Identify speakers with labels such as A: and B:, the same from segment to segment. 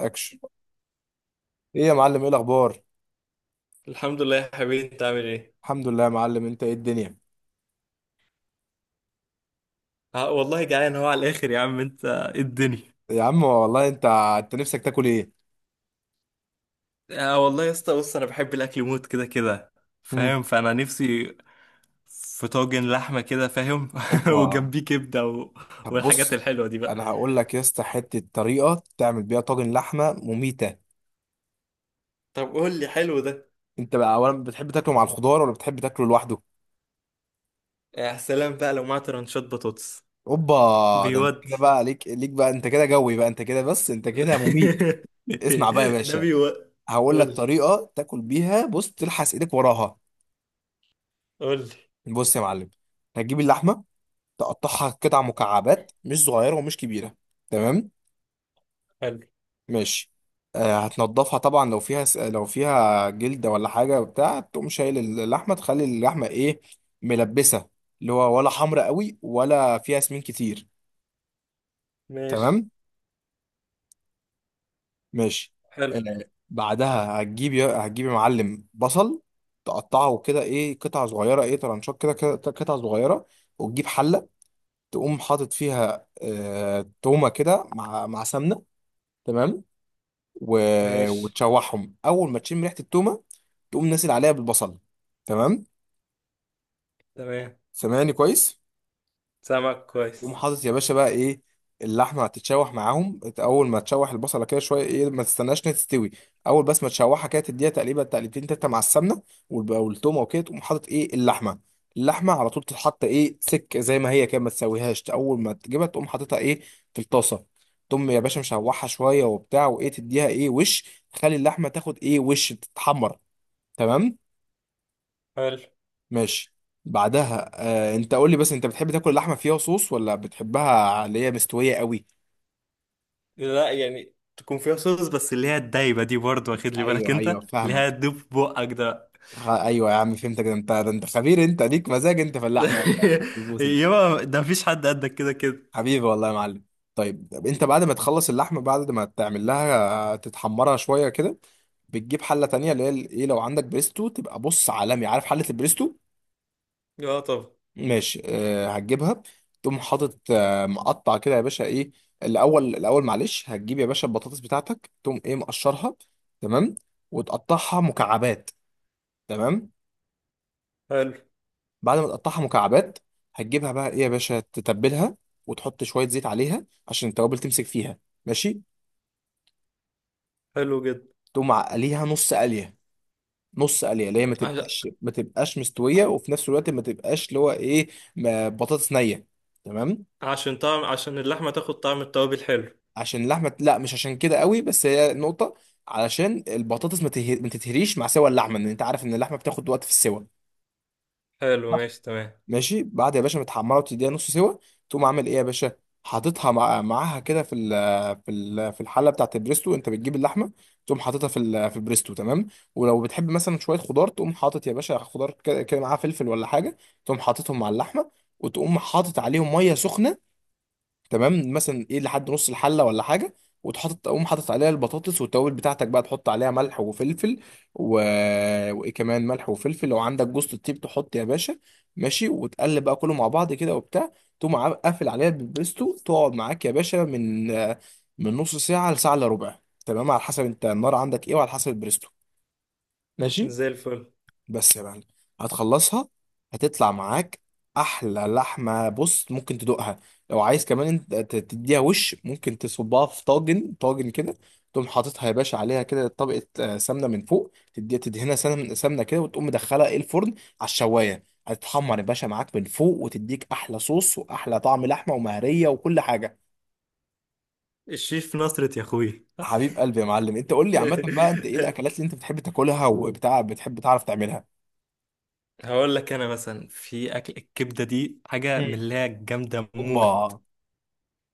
A: اكشن. ايه يا معلم؟ ايه الاخبار؟
B: الحمد لله يا حبيبي، انت عامل ايه؟
A: الحمد لله يا معلم، انت ايه الدنيا؟
B: آه والله، جعان هو على الاخر. يا عم، انت ايه الدنيا؟
A: يا عم والله، انت نفسك تاكل ايه؟
B: آه والله يا اسطى، بص انا بحب الاكل موت كده كده،
A: مم.
B: فاهم؟ فانا نفسي في طاجن لحمه كده، فاهم؟
A: اوبا.
B: وجنبيه كبده و...
A: طب
B: والحاجات
A: بص،
B: الحلوه دي بقى.
A: انا هقول لك يا اسطى حته طريقه تعمل بيها طاجن لحمه مميته.
B: طب قول لي حلو ده.
A: انت بقى اولا بتحب تاكله مع الخضار ولا بتحب تاكله لوحده؟
B: يا سلام بقى لو معاه ترانشات بطاطس.
A: اوبا، ده انت
B: بيودي.
A: كده بقى ليك بقى، انت كده جوي بقى، انت كده بس انت كده مميت. اسمع بقى يا
B: ده
A: باشا،
B: بيودي.
A: هقول لك
B: قول لي،
A: طريقه تاكل بيها بص تلحس ايدك وراها.
B: قول لي.
A: بص يا معلم، هتجيب اللحمه، تقطعها قطع مكعبات مش صغيرة ومش كبيرة. تمام؟
B: حلو.
A: ماشي. آه، هتنضفها طبعا لو فيها لو فيها جلدة ولا حاجة وبتاع، تقوم شايل اللحمة، تخلي اللحمة ايه، ملبسة. اللي هو ولا حمرا قوي ولا فيها سمين كتير.
B: ماشي.
A: تمام؟ ماشي.
B: حلو.
A: آه، بعدها هتجيب هتجيب يا معلم بصل، تقطعه كده ايه قطع صغيرة، ايه طرنشات قطع صغيرة. وتجيب حلة، تقوم حاطط فيها آه تومة كده مع سمنة. تمام. و...
B: ماشي.
A: وتشوحهم، اول ما تشم ريحه التومه تقوم نازل عليها بالبصل. تمام.
B: تمام.
A: سامعني كويس؟
B: سامعك
A: تقوم
B: كويس.
A: حاطط يا باشا بقى ايه اللحمه، هتتشوح معاهم اول ما تشوح البصله كده شويه، ايه ما تستناش انها تستوي. اول بس ما تشوحها كده تديها تقريبا تقليبتين تلاته مع السمنه والتومه، وكده تقوم حاطط ايه اللحمه. اللحمه على طول تتحط ايه سك زي ما هي كده، ما تسويهاش، اول ما تجيبها تقوم حاططها ايه في الطاسه. تقوم يا باشا مشوحها شويه وبتاع، وايه تديها ايه وش، تخلي اللحمه تاخد ايه وش تتحمر. تمام؟
B: حلو.
A: ماشي. بعدها آه انت قول لي بس، انت بتحب تاكل اللحمه فيها صوص ولا بتحبها اللي هي مستويه قوي؟
B: لا، يعني تكون فيها صوص، بس اللي هي الدايبة دي برضه، واخد لي بالك؟
A: ايوه، ايوه
B: انت اللي هي
A: فاهمك.
B: تدوب في بقك ده.
A: ايوه يا عم فهمتك، ده انت، ده انت خبير، انت ليك مزاج انت في اللحمه يا خلبوس انت.
B: يابا، ده مفيش حد قدك كده كده.
A: حبيبي والله يا معلم. طيب، طب انت بعد ما تخلص اللحمه، بعد ما تعمل لها تتحمرها شويه كده، بتجيب حله تانية اللي هي ايه، لو عندك بريستو تبقى بص عالمي، عارف حله البريستو؟
B: اه، طب.
A: ماشي، أه هتجيبها. تقوم حاطط آه، مقطع كده يا باشا ايه. الاول، الاول معلش، هتجيب يا باشا البطاطس بتاعتك تقوم ايه مقشرها. تمام. وتقطعها مكعبات. تمام.
B: حلو.
A: بعد ما تقطعها مكعبات، هتجيبها بقى ايه يا باشا تتبلها، وتحط شويه زيت عليها عشان التوابل تمسك فيها. ماشي.
B: حلو جدا.
A: تقوم معقليها نص قليه. نص قليه اللي هي ما
B: عش...
A: تبقاش ما تبقاش مستويه، وفي نفس الوقت ما تبقاش اللي هو ايه، بطاطس نيه. تمام.
B: عشان طعم، عشان اللحمة تاخد طعم التوابل. حلو.
A: عشان اللحمه، لا مش عشان كده قوي، بس هي نقطه، علشان البطاطس ما تتهريش مع سوى اللحمه، ان انت عارف ان اللحمه بتاخد وقت في السوى.
B: حلو. ماشي. تمام.
A: ماشي. بعد يا باشا ما تحمرها وتديها نص سوا، تقوم عامل ايه يا باشا، حاططها مع... معاها كده في ال... في ال... في الحله بتاعت البريستو. انت بتجيب اللحمه تقوم حاططها في ال... في البريستو. تمام. ولو بتحب مثلا شويه خضار، تقوم حاطط يا باشا خضار كده كده معاها، فلفل ولا حاجه، تقوم حاططهم مع اللحمه. وتقوم حاطط عليهم ميه سخنه، تمام، مثلا ايه لحد نص الحله ولا حاجه. تقوم حاطط عليها البطاطس والتوابل بتاعتك بقى، تحط عليها ملح وفلفل و... وايه كمان، ملح وفلفل، لو عندك جوز الطيب تحط يا باشا. ماشي. وتقلب بقى كله مع بعض كده وبتاع. تقوم قافل عليها بالبريستو. تقعد معاك يا باشا من من نص ساعه لساعه الا ربع. تمام، على حسب انت النار عندك ايه وعلى حسب البريستو. ماشي.
B: زي الفل.
A: بس يا معلم، هتخلصها، هتطلع معاك احلى لحمه بص ممكن تدوقها. لو عايز كمان انت تديها وش، ممكن تصبها في طاجن، طاجن كده، تقوم حاططها يا باشا عليها كده طبقه آه، سمنه من فوق، تديها تدهنها سمنه كده، وتقوم مدخلها ايه الفرن، على الشوايه هتتحمر يا باشا معاك من فوق، وتديك احلى صوص واحلى طعم لحمه ومهريه وكل حاجه.
B: الشيف نصرة يا اخوي.
A: حبيب قلبي يا معلم. انت قول لي عامه بقى، انت ايه الاكلات اللي انت بتحب تاكلها وبتاع بتحب تعرف تعملها؟
B: هقول لك، انا مثلا في اكل الكبدة دي حاجة من
A: مم.
B: اللي هي جامدة
A: اوبا.
B: موت.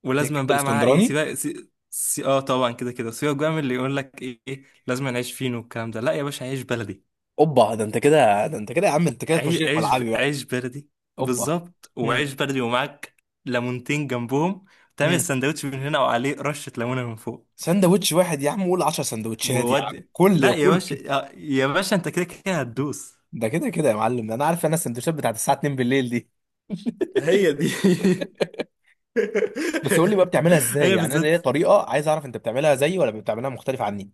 B: ولازما
A: الكبده
B: بقى معاها ايه؟
A: الاسكندراني.
B: سيبك اه، طبعا كده كده. سيبك بقى من اللي يقول لك ايه إيه، لازم نعيش فين والكلام ده. لا يا باشا، عيش بلدي.
A: اوبا، ده انت كده، ده انت كده يا عم، انت كده تخش
B: عيش
A: لي في
B: عيش
A: ملعبي بقى.
B: عيش بلدي.
A: اوبا.
B: بالظبط،
A: هم.
B: وعيش بلدي ومعاك ليمونتين جنبهم. تعمل
A: هم.
B: سندوتش من هنا وعليه رشة ليمونة من فوق.
A: سندوتش واحد يا عم؟ قول 10 سندوتشات يا عم،
B: وود. لا
A: كل
B: يا
A: كل ك-
B: باشا، آه، يا باشا انت كده كده هتدوس.
A: ده كده كده يا معلم، انا عارف انا السندوتشات بتاعت الساعه 2 بالليل دي.
B: هي دي.
A: بس قول لي بقى بتعملها ازاي،
B: هي
A: يعني انا
B: بالذات.
A: ليا طريقه، عايز اعرف انت بتعملها زيي ولا بتعملها مختلف عني.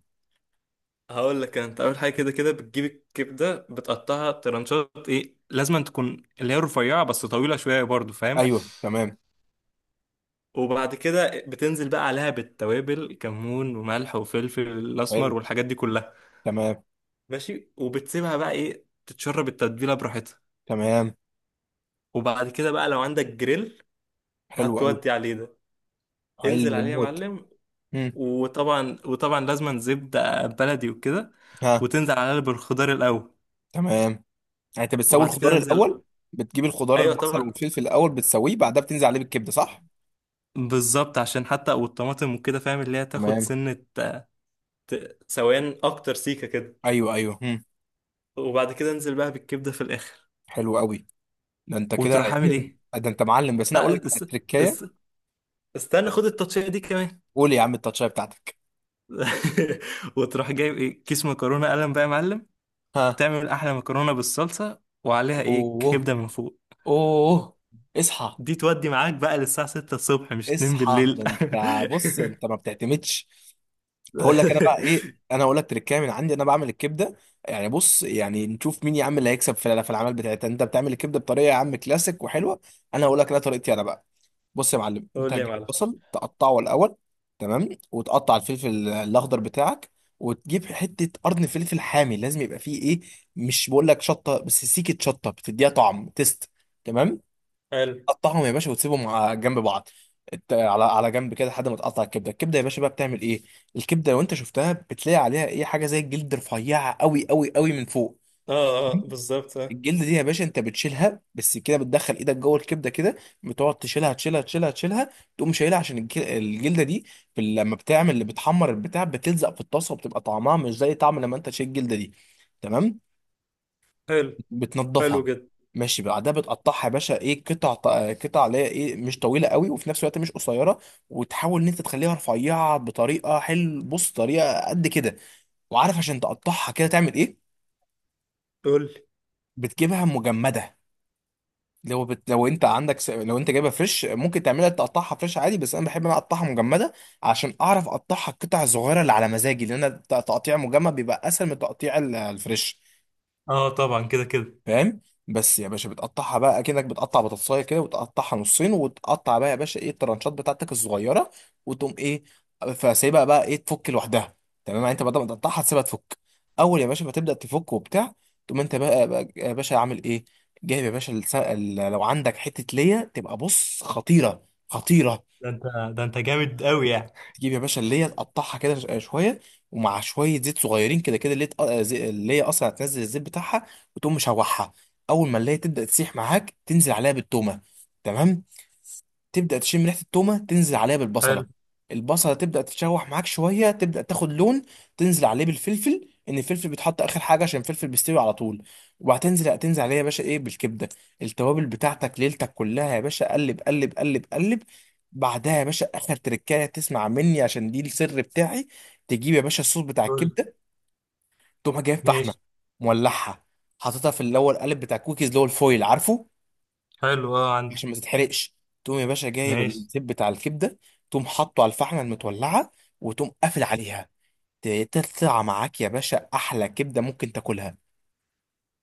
B: هقول لك، انت اول حاجه كده كده بتجيب الكبده، بتقطعها ترنشات ايه، لازم تكون اللي هي رفيعه بس طويله شويه برضو، فاهم؟
A: ايوه، تمام.
B: وبعد كده بتنزل بقى عليها بالتوابل، كمون وملح وفلفل
A: حلو.
B: الاسمر والحاجات دي كلها.
A: تمام.
B: ماشي. وبتسيبها بقى ايه تتشرب التتبيله براحتها.
A: تمام.
B: وبعد كده بقى لو عندك جريل،
A: حلو قوي.
B: هتودي عليه ده. انزل
A: حلو
B: عليه يا
A: موت.
B: معلم.
A: هم.
B: وطبعا وطبعا لازم زبده بلدي وكده.
A: ها.
B: وتنزل عليها بالخضار الاول.
A: تمام. يعني انت بتسوي
B: وبعد كده
A: الخضار
B: انزل.
A: الاول؟ بتجيب الخضار
B: ايوه
A: البصل
B: طبعا.
A: والفلفل الاول بتسويه، بعدها بتنزل عليه بالكبده، صح؟
B: بالظبط، عشان حتى والطماطم وكده، فاهم؟ اللي هي تاخد
A: تمام.
B: سنة، سوان أكتر سيكة كده.
A: ايوه، ايوه.
B: وبعد كده انزل بقى بالكبدة في الآخر.
A: حلو قوي. ده انت كده
B: وتروح عامل
A: يعني
B: إيه؟
A: آه، ده انت معلم، بس انا اقول لك
B: لا،
A: على التركايه.
B: اس... استنى، خد التطشية دي كمان.
A: قول يا عم التاتشايه بتاعتك.
B: وتروح جايب إيه؟ كيس مكرونة قلم بقى يا معلم.
A: ها.
B: تعمل أحلى مكرونة بالصلصة، وعليها إيه؟
A: اوه.
B: كبدة من فوق.
A: اوه. اصحى.
B: دي تودي معاك بقى للساعة 6 الصبح مش 2
A: اصحى، ده
B: بالليل.
A: انت بص، انت ما بتعتمدش. هقول لك انا بقى ايه، انا هقول لك تركايه من عندي انا بعمل الكبده. يعني بص، يعني نشوف مين يا عم اللي هيكسب في في الاعمال بتاعتها. انت بتعمل الكبده بطريقه يا عم كلاسيك وحلوه، انا هقول لك انا طريقتي انا بقى. بص يا معلم، انت
B: قول لي يا
A: هتجيب
B: معلم.
A: البصل تقطعه الاول. تمام. وتقطع الفلفل الاخضر بتاعك. وتجيب حته قرن فلفل حامي، لازم يبقى فيه ايه، مش بقول لك شطه، بس سيكه شطه بتديها طعم تيست. تمام.
B: حلو.
A: تقطعهم يا باشا وتسيبهم على جنب بعض. على جنب كده لحد ما تقطع الكبده. الكبده يا باشا بقى بتعمل ايه، الكبده لو انت شفتها بتلاقي عليها ايه حاجه زي الجلد رفيعه قوي قوي قوي من فوق.
B: اه اه، بالظبط آه.
A: الجلد دي يا باشا انت بتشيلها، بس كده بتدخل ايدك جوه الكبده كده، بتقعد تشيلها، تقوم شايلها عشان الجلده دي في لما بتعمل اللي بتحمر البتاع بتلزق في الطاسه، وبتبقى طعمها مش زي طعم لما انت تشيل الجلده دي. تمام.
B: حلو. حلو
A: بتنضفها.
B: جدا.
A: ماشي. بعدها بتقطعها يا باشا ايه قطع قطع اللي هي ايه مش طويله قوي وفي نفس الوقت مش قصيره. وتحاول ان انت تخليها رفيعه بطريقه حلو، بص طريقه قد كده. وعارف عشان تقطعها كده تعمل ايه؟
B: قول.
A: بتجيبها مجمده. لو انت جايبها فريش ممكن تعملها تقطعها فريش عادي، بس انا بحب ان انا اقطعها مجمده، عشان اعرف اقطعها القطع الصغيره اللي على مزاجي، لان تقطيع مجمد بيبقى اسهل من تقطيع الفريش.
B: اه طبعا كده كده.
A: فاهم. بس يا باشا بتقطعها بقى اكنك بتقطع بطاطسايه كده، وتقطعها نصين، وتقطع بقى يا باشا ايه الترانشات بتاعتك الصغيره. وتقوم ايه، فسيبها بقى ايه تفك لوحدها. تمام، يعني انت بدل ما تقطعها تسيبها تفك. اول يا باشا ما تبدا تفك وبتاع، تقوم انت بقى, بقى يا باشا عامل ايه، جايب يا باشا لو عندك حته ليا تبقى بص خطيره خطيره.
B: ده انت ده انت جامد قوي يعني.
A: تجيب يا باشا اللي هي تقطعها كده شويه، ومع شويه زيت صغيرين كده كده، اللي هي اصلا هتنزل الزيت بتاعها، وتقوم مشوحها. اول ما اللي هي تبدا تسيح معاك، تنزل عليها بالتومه. تمام. تبدا تشم ريحه التومه، تنزل عليها
B: حلو.
A: بالبصله. البصله تبدا تتشوح معاك شويه، تبدا تاخد لون، تنزل عليه بالفلفل، ان الفلفل بيتحط اخر حاجه عشان الفلفل بيستوي على طول. تنزل عليها يا باشا ايه بالكبده، التوابل بتاعتك ليلتك كلها يا باشا، قلب. بعدها يا باشا اخر تركايه تسمع مني، عشان دي السر بتاعي. تجيب يا باشا الصوص بتاع
B: قول.
A: الكبده. تقوم جايب فحمه،
B: ماشي.
A: مولعها، حاططها في اللي هو القالب بتاع الكوكيز اللي هو الفويل، عارفه؟
B: حلو. اه،
A: عشان
B: عندك.
A: ما تتحرقش. تقوم يا باشا جايب
B: ماشي.
A: الزيت بتاع الكبده، تقوم حاطه على الفحمه المتولعه، وتقوم قافل عليها. تطلع معاك يا باشا احلى كبده ممكن تاكلها.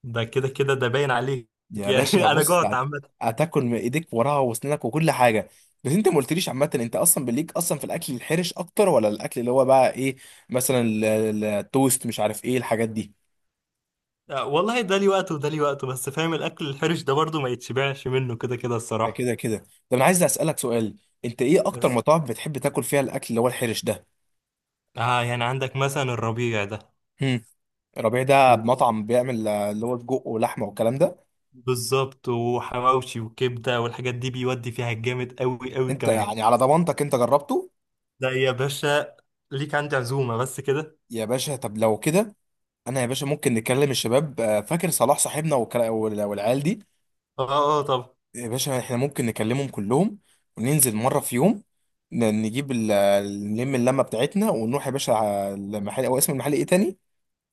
B: ده كده كده ده باين عليك،
A: يا
B: يعني.
A: باشا
B: انا
A: بص
B: جوعت عامة.
A: هتاكل من ايديك وراها وسنانك وكل حاجه. بس انت ما قلتليش عامه، انت اصلا بليك اصلا في الاكل الحرش اكتر، ولا الاكل اللي هو بقى ايه، مثلا التوست، مش عارف ايه الحاجات دي.
B: آه، والله ده لي وقته وده لي وقته، بس فاهم الاكل الحرش ده برضو ما يتشبعش منه كده كده،
A: ده
B: الصراحة.
A: كده كده. طب انا عايز اسالك سؤال، انت ايه اكتر
B: بس.
A: مطاعم بتحب تاكل فيها الاكل اللي هو الحرش ده؟
B: اه، يعني عندك مثلا الربيع ده.
A: هم. ربيع ده
B: و-
A: مطعم بيعمل آه، اللي هو سجق ولحمه والكلام ده.
B: بالظبط، وحواوشي وكبدة والحاجات دي، بيودي فيها جامد قوي قوي
A: انت
B: كمان.
A: يعني على ضمانتك انت جربته؟
B: ده يا باشا ليك عندي عزومة بس كده.
A: يا باشا طب لو كده، انا يا باشا ممكن نكلم الشباب آه، فاكر صلاح صاحبنا والعيال دي.
B: اه اه طبعا.
A: يا باشا احنا ممكن نكلمهم كلهم، وننزل مرة في يوم، نجيب نلم اللمة بتاعتنا، ونروح يا باشا على المحل. او اسم المحل ايه تاني؟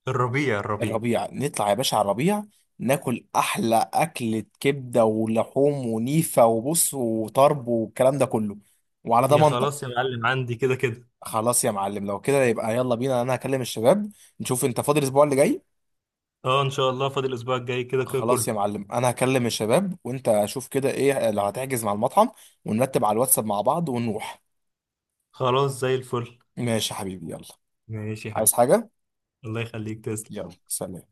B: الربيع الربيع.
A: الربيع. نطلع يا باشا على الربيع، ناكل احلى اكلة كبدة ولحوم ونيفة وبص وطرب والكلام ده كله. وعلى
B: يا
A: ضمانتك.
B: خلاص يا معلم، عندي كده كده.
A: خلاص يا معلم، لو كده يبقى يلا بينا، انا هكلم الشباب، نشوف انت فاضي الاسبوع اللي جاي.
B: اه ان شاء الله، فاضل الاسبوع الجاي كده كده
A: خلاص
B: كله.
A: يا معلم، انا هكلم الشباب، وانت شوف كده ايه لو هتحجز مع المطعم، ونرتب على الواتساب مع بعض، ونروح.
B: خلاص زي الفل.
A: ماشي يا حبيبي، يلا.
B: ماشي يا
A: عايز
B: حبيبي.
A: حاجة؟
B: الله يخليك، تسلم.
A: يلا، سلام.